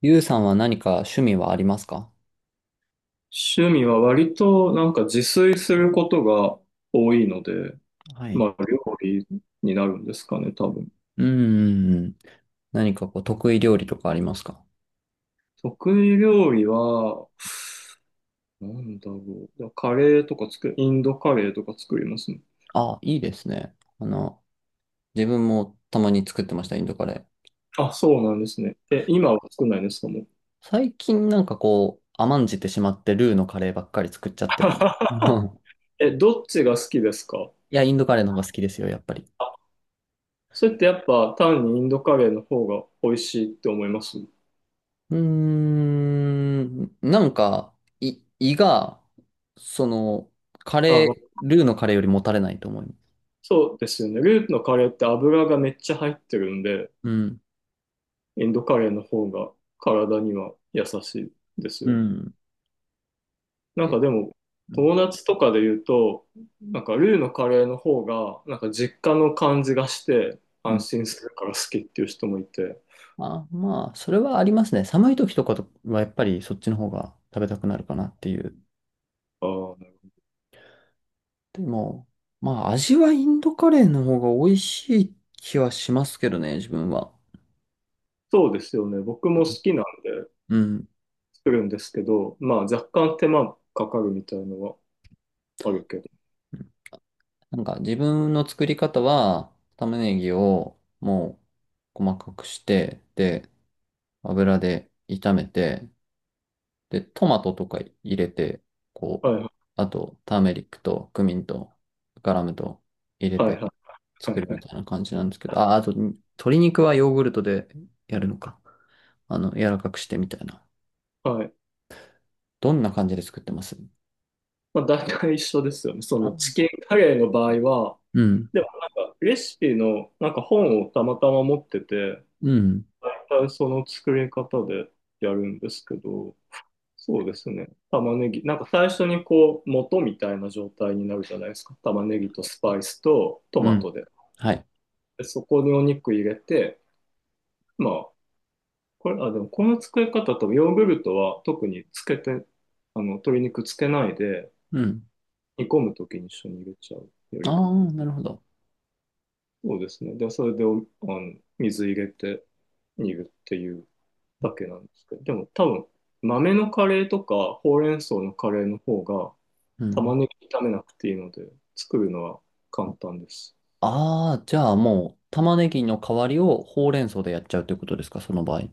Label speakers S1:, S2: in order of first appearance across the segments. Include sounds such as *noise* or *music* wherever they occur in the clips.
S1: ゆうさんは何か趣味はありますか？
S2: 趣味は割となんか自炊することが多いので、
S1: はい。
S2: まあ料理になるんですかね、多分。
S1: うんうんうん。何かこう得意料理とかありますか？
S2: 得意料理は、なんだろう。カレーとか作る、インドカレーとか作りますね。
S1: あ、いいですね。自分もたまに作ってました、インドカレー。
S2: あ、そうなんですね。え、今は作んないんですか、もう。
S1: 最近なんかこう、甘んじてしまってルーのカレーばっかり作っちゃってる。*laughs* うん。
S2: *laughs* え、どっちが好きですか？
S1: いや、インドカレーの方が好きですよ、やっぱり。
S2: それってやっぱ単にインドカレーの方が美味しいって思います？
S1: うーん、なんか、い胃が、その、カレ
S2: あ、
S1: ー、ルーのカレーよりもたれないと思います。
S2: そうですよね。ルーのカレーって油がめっちゃ入ってるんで、
S1: うん。
S2: インドカレーの方が体には優しいです
S1: う
S2: よね。
S1: ん。
S2: なん
S1: え
S2: かでも、
S1: うん。
S2: 友達とかで言うと、なんかルーのカレーの方が、なんか実家の感じがして、安心するから好きっていう人もいて、
S1: まあ、まあ、それはありますね。寒い時とかはやっぱりそっちの方が食べたくなるかなっていう。
S2: あー、
S1: でも、まあ、味はインドカレーの方が美味しい気はしますけどね、自分は。
S2: そうですよね。僕も好きなんで
S1: うん。
S2: 作るんですけど、まあ若干手間かかるみたいのはあるけど。
S1: なんか自分の作り方は、玉ねぎをもう細かくして、で、油で炒めて、で、トマトとか入れて、こ
S2: は
S1: う、
S2: い
S1: あと、ターメリックとクミンとガラムと入れ
S2: はいは
S1: て、
S2: いは
S1: 作
S2: い
S1: る
S2: は
S1: み
S2: い。
S1: たいな感じなんですけど、あ、あと、鶏肉はヨーグルトでやるのか。柔らかくしてみたいな。
S2: はい、
S1: どんな感じで作ってます？
S2: まあ、大体一緒ですよね。その
S1: あ、
S2: チキンカレーの場合は、
S1: うん、
S2: でもなんかレシピのなんか本をたまたま持ってて、
S1: うん、
S2: 大体その作り方でやるんですけど、そうですね。玉ねぎ、なんか最初にこう、元みたいな状態になるじゃないですか。玉ねぎとスパイスとト
S1: う
S2: マ
S1: ん、
S2: トで。
S1: はい。
S2: で、そこにお肉入れて、まあ、これ、あ、でもこの作り方とヨーグルトは特につけて、あの、鶏肉つけないで
S1: うん。
S2: 煮込むときに一緒に入れちゃうやり方。
S1: ああ、なるほど。
S2: そうですね。で、それであの水入れて煮るっていうだけなんですけど、でも多分豆のカレーとかほうれん草のカレーの方が
S1: う
S2: 玉
S1: ん。
S2: ねぎ炒めなくていいので作るのは簡単です。
S1: ああ、じゃあもう、玉ねぎの代わりをほうれん草でやっちゃうということですか、その場合。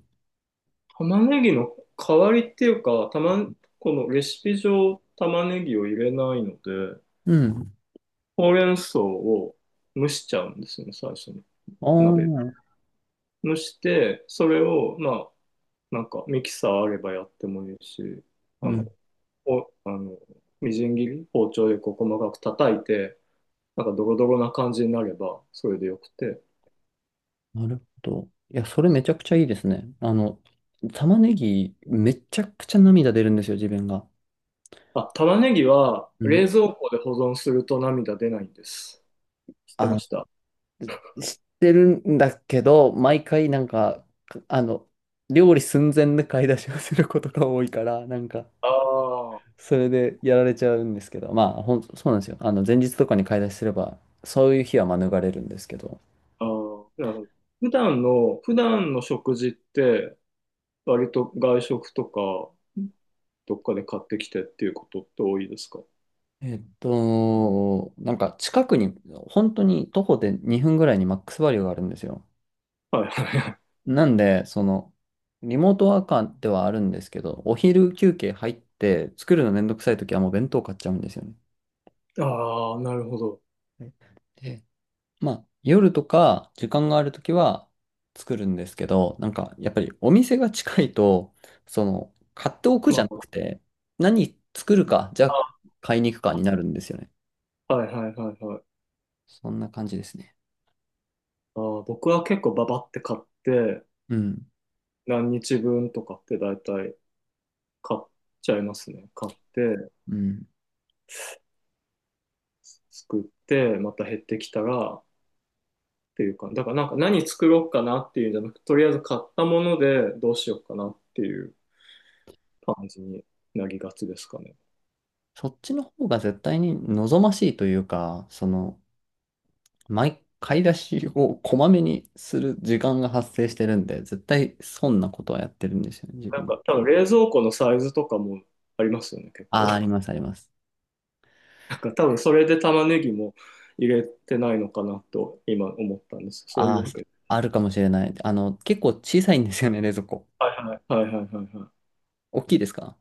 S2: 玉ねぎの代わりっていうか、このレシピ上玉ねぎを入れないので、
S1: うん。
S2: ほうれん草を蒸しちゃうんですよね、最初に。
S1: ああ、
S2: 鍋。
S1: う
S2: 蒸して、それを、まあ、なんかミキサーあればやってもいいし、あ
S1: ん。
S2: の、こう、あの、みじん切り、包丁でこう細かく叩いて、なんかドロドロな感じになれば、それでよくて。
S1: なるほど。いや、それめちゃくちゃいいですね。玉ねぎ、めちゃくちゃ涙出るんですよ、自分が。
S2: あ、玉ねぎは
S1: うん。
S2: 冷蔵庫で保存すると涙出ないんです。知ってま
S1: あ、
S2: した？あ
S1: 知ってるんだけど、毎回なんか、料理寸前で買い出しをすることが多いから、なんか、
S2: あ、あ
S1: それでやられちゃうんですけど、そうなんですよ。あの、前日とかに買い出しすれば、そういう日は免れるんですけど。
S2: あ、なるほど。普段の食事って、割と外食とか、どっかで買ってきてっていうことって多いですか？
S1: 近くに、本当に徒歩で2分ぐらいにマックスバリューがあるんですよ。
S2: はいは
S1: なんで、その、リモートワーカーではあるんですけど、お昼休憩入って、作るのめんどくさい時はもう弁当買っちゃうんですよね。
S2: い。ああ、なるほど。
S1: で、まあ、夜とか時間があるときは作るんですけど、なんかやっぱりお店が近いと、その、買っておく
S2: ま
S1: じゃな
S2: あ、
S1: くて、何作るか、じゃ
S2: あ、
S1: あ買いに行くかになるんですよね。
S2: はいはいはいはい。
S1: そんな感じですね。
S2: ああ、僕は結構ババって買って、
S1: うん。
S2: 何日分とかって大体買っちゃいますね。買って、
S1: うん。
S2: 作って、また減ってきたらっていうか、だからなんか何作ろうかなっていうんじゃなくて、とりあえず買ったものでどうしようかなっていう感じになりがちですかね。
S1: そっちの方が絶対に望ましいというか、買い出しをこまめにする時間が発生してるんで、絶対損なことはやってるんですよね、自
S2: なん
S1: 分。
S2: か多分冷蔵庫のサイズとかもありますよね、結構。
S1: ああ、あります、あります。
S2: なんか多分それで玉ねぎも入れてないのかなと今思ったんです。そういう
S1: あ
S2: わけ
S1: ー、
S2: で
S1: あるか
S2: す。
S1: もしれない。結構小さいんですよね、冷蔵庫。
S2: はいはい。はいはいはいはい。
S1: 大きいですか？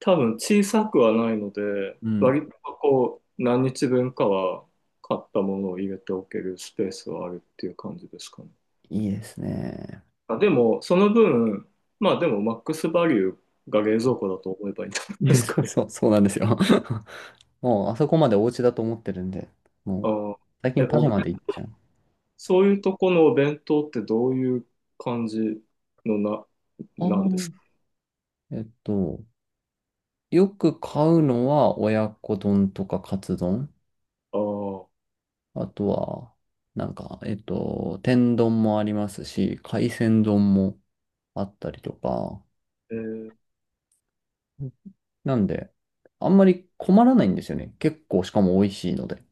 S2: 多分小さくはないので、
S1: うん。
S2: 割とこう、何日分かは買ったものを入れておけるスペースはあるっていう感じですかね。
S1: いいですね。
S2: あ、でも、その分、まあでも、マックスバリューが冷蔵庫だと思えばいいんじゃな
S1: *laughs*
S2: い
S1: い
S2: で
S1: や、
S2: すか
S1: そう、
S2: ね。
S1: そうそうなんですよ。*laughs* もう、あそこまでお家だと思ってるんで、
S2: *laughs*
S1: も
S2: あ
S1: う、
S2: ー、
S1: 最近
S2: え、
S1: パジャマで行っちゃう。
S2: そういうとこのお弁当ってどういう感じの
S1: ああ、
S2: なんですか？
S1: えっと、よく買うのは親子丼とかカツ丼。
S2: ああー、
S1: あとは、天丼もありますし、海鮮丼もあったりとか、
S2: えー
S1: なんで、あんまり困らないんですよね。結構、しかも美味しいので。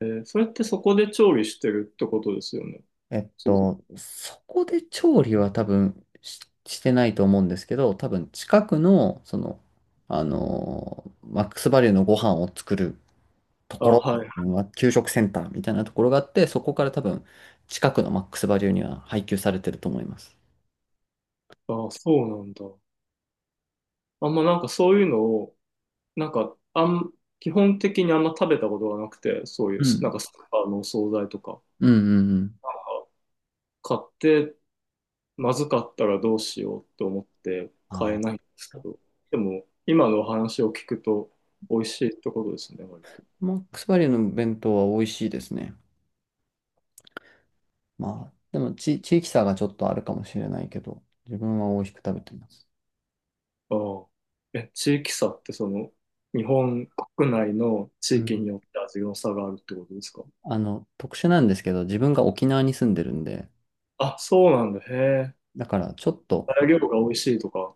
S2: それってそこで調理してるってことですよね。
S1: えっ
S2: 違う。
S1: と、そこで調理は多分し、してないと思うんですけど、多分近くの、その、あのーマックスバリュのご飯を作ると
S2: あ、
S1: こ
S2: はい。
S1: ろ、まあ給食センターみたいなところがあって、そこから多分近くのマックスバリュには配給されてると思います。
S2: あ、そうなんだ。あんまなんかそういうのをなんか、基本的にあんま食べたことがなくて、そういう、
S1: う
S2: なん
S1: ん。
S2: かスーパーのお惣菜とか
S1: うんうんうん。
S2: 買って、まずかったらどうしようと思って買え
S1: あ
S2: ないんですけ
S1: ー
S2: ど、でも、今のお話を聞くと、美味しいってことですね、割
S1: マックスバリュの弁当は美味しいですね。まあ、でもち、地域差がちょっとあるかもしれないけど、自分は美味しく食べてます。
S2: と。ああ。え、地域差ってその、日本国内の地
S1: う
S2: 域
S1: ん。
S2: によって味の差があるってことですか？
S1: あの、特殊なんですけど、自分が沖縄に住んでるんで、
S2: あ、そうなんだ。へえ。
S1: だからちょっと、
S2: 材料が美味しいとか。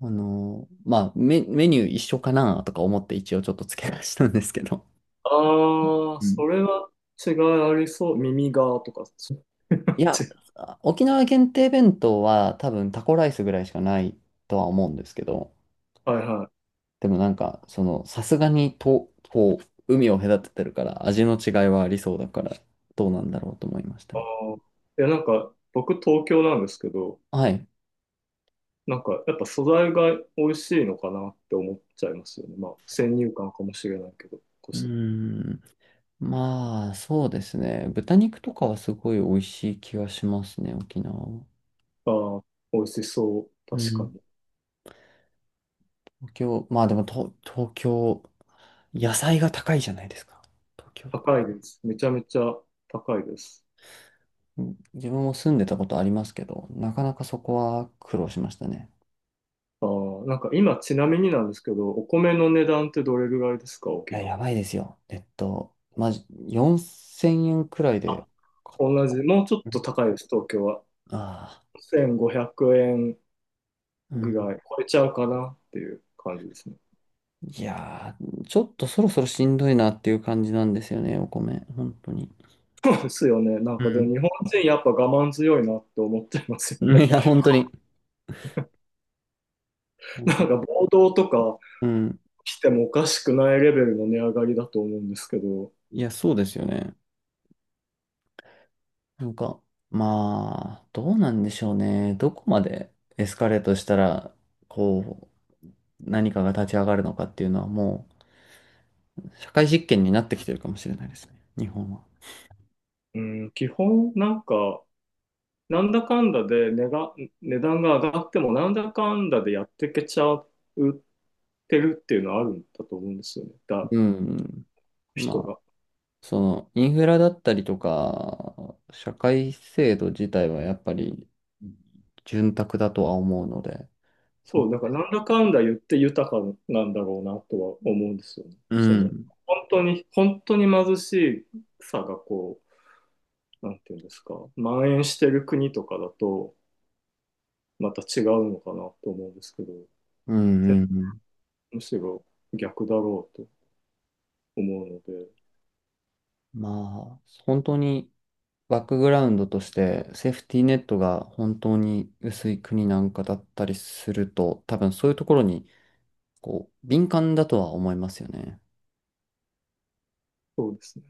S1: あのーまあメ、メニュー一緒かなとか思って一応ちょっと付け足したんですけど、
S2: ああ、
S1: う
S2: そ
S1: ん。
S2: れは違いありそう。耳がとか、*laughs* 違
S1: いや、沖縄限定弁当は多分タコライスぐらいしかないとは思うんですけど、
S2: はいはい。
S1: でもなんか、その、さすがにと、こう、海を隔ててるから味の違いはありそうだから、どうなんだろうと思いました
S2: あ
S1: ね。
S2: ー、いや、なんか、僕東京なんですけど、
S1: はい。
S2: なんか、やっぱ素材が美味しいのかなって思っちゃいますよね。まあ、先入観かもしれないけど。
S1: うーん。まあ、そうですね。豚肉とかはすごい美味しい気がしますね、沖縄は。
S2: あー、美味しそう。
S1: う
S2: 確か
S1: ん。
S2: に。
S1: まあでも東京、野菜が高いじゃないですか。東京。
S2: 高いです。めちゃめちゃ高いです。
S1: うん、自分も住んでたことありますけど、なかなかそこは苦労しましたね。
S2: あー、なんか今、ちなみになんですけど、お米の値段ってどれぐらいですか、
S1: い
S2: 沖
S1: や、や
S2: 縄。
S1: ばいですよ。えっと、まじ、4000円くらいで、
S2: 同じ、もうちょっ
S1: う
S2: と
S1: ん、
S2: 高いです、東京は。
S1: あ
S2: 1500円
S1: あ、う
S2: ぐ
S1: ん。
S2: らい超えちゃうかなっていう感じですね。
S1: いやー、ちょっとそろそろしんどいなっていう感じなんですよね、お米。本当に。
S2: ですよね。なん
S1: う
S2: かでも
S1: ん
S2: 日本人やっぱ我慢強いなって思ってますよ
S1: うん。 *laughs* い
S2: ね。
S1: や、本当に。な
S2: *laughs*
S1: ん
S2: なん
S1: か、
S2: か暴動とか
S1: うん。
S2: 来てもおかしくないレベルの値上がりだと思うんですけど、
S1: いや、そうですよね。なんか、まあ、どうなんでしょうね。どこまでエスカレートしたら、こう、何かが立ち上がるのかっていうのはもう、社会実験になってきてるかもしれないですね。日本は。
S2: うん、基本なんか、なんだかんだで値が、値段が上がってもなんだかんだでやってけちゃってるっていうのはあるんだと思うんですよね。
S1: うん。ま
S2: 人
S1: あ、
S2: が。
S1: その、インフラだったりとか、社会制度自体はやっぱり、潤沢だとは思うので、そ
S2: そう、
S1: こ。
S2: だからなんだかんだ言って豊かなんだろうなとは思うんですよね。
S1: う
S2: その、
S1: ん。
S2: 本当に、本当に貧しさがこう、なんていうんですか、蔓延してる国とかだと、また違うのかなと思うんですけど、
S1: うんうんうん。
S2: むしろ逆だろうと思うので、
S1: まあ、本当に、バックグラウンドとしてセーフティーネットが本当に薄い国なんかだったりすると、多分そういうところにこう敏感だとは思いますよね。
S2: そうですね。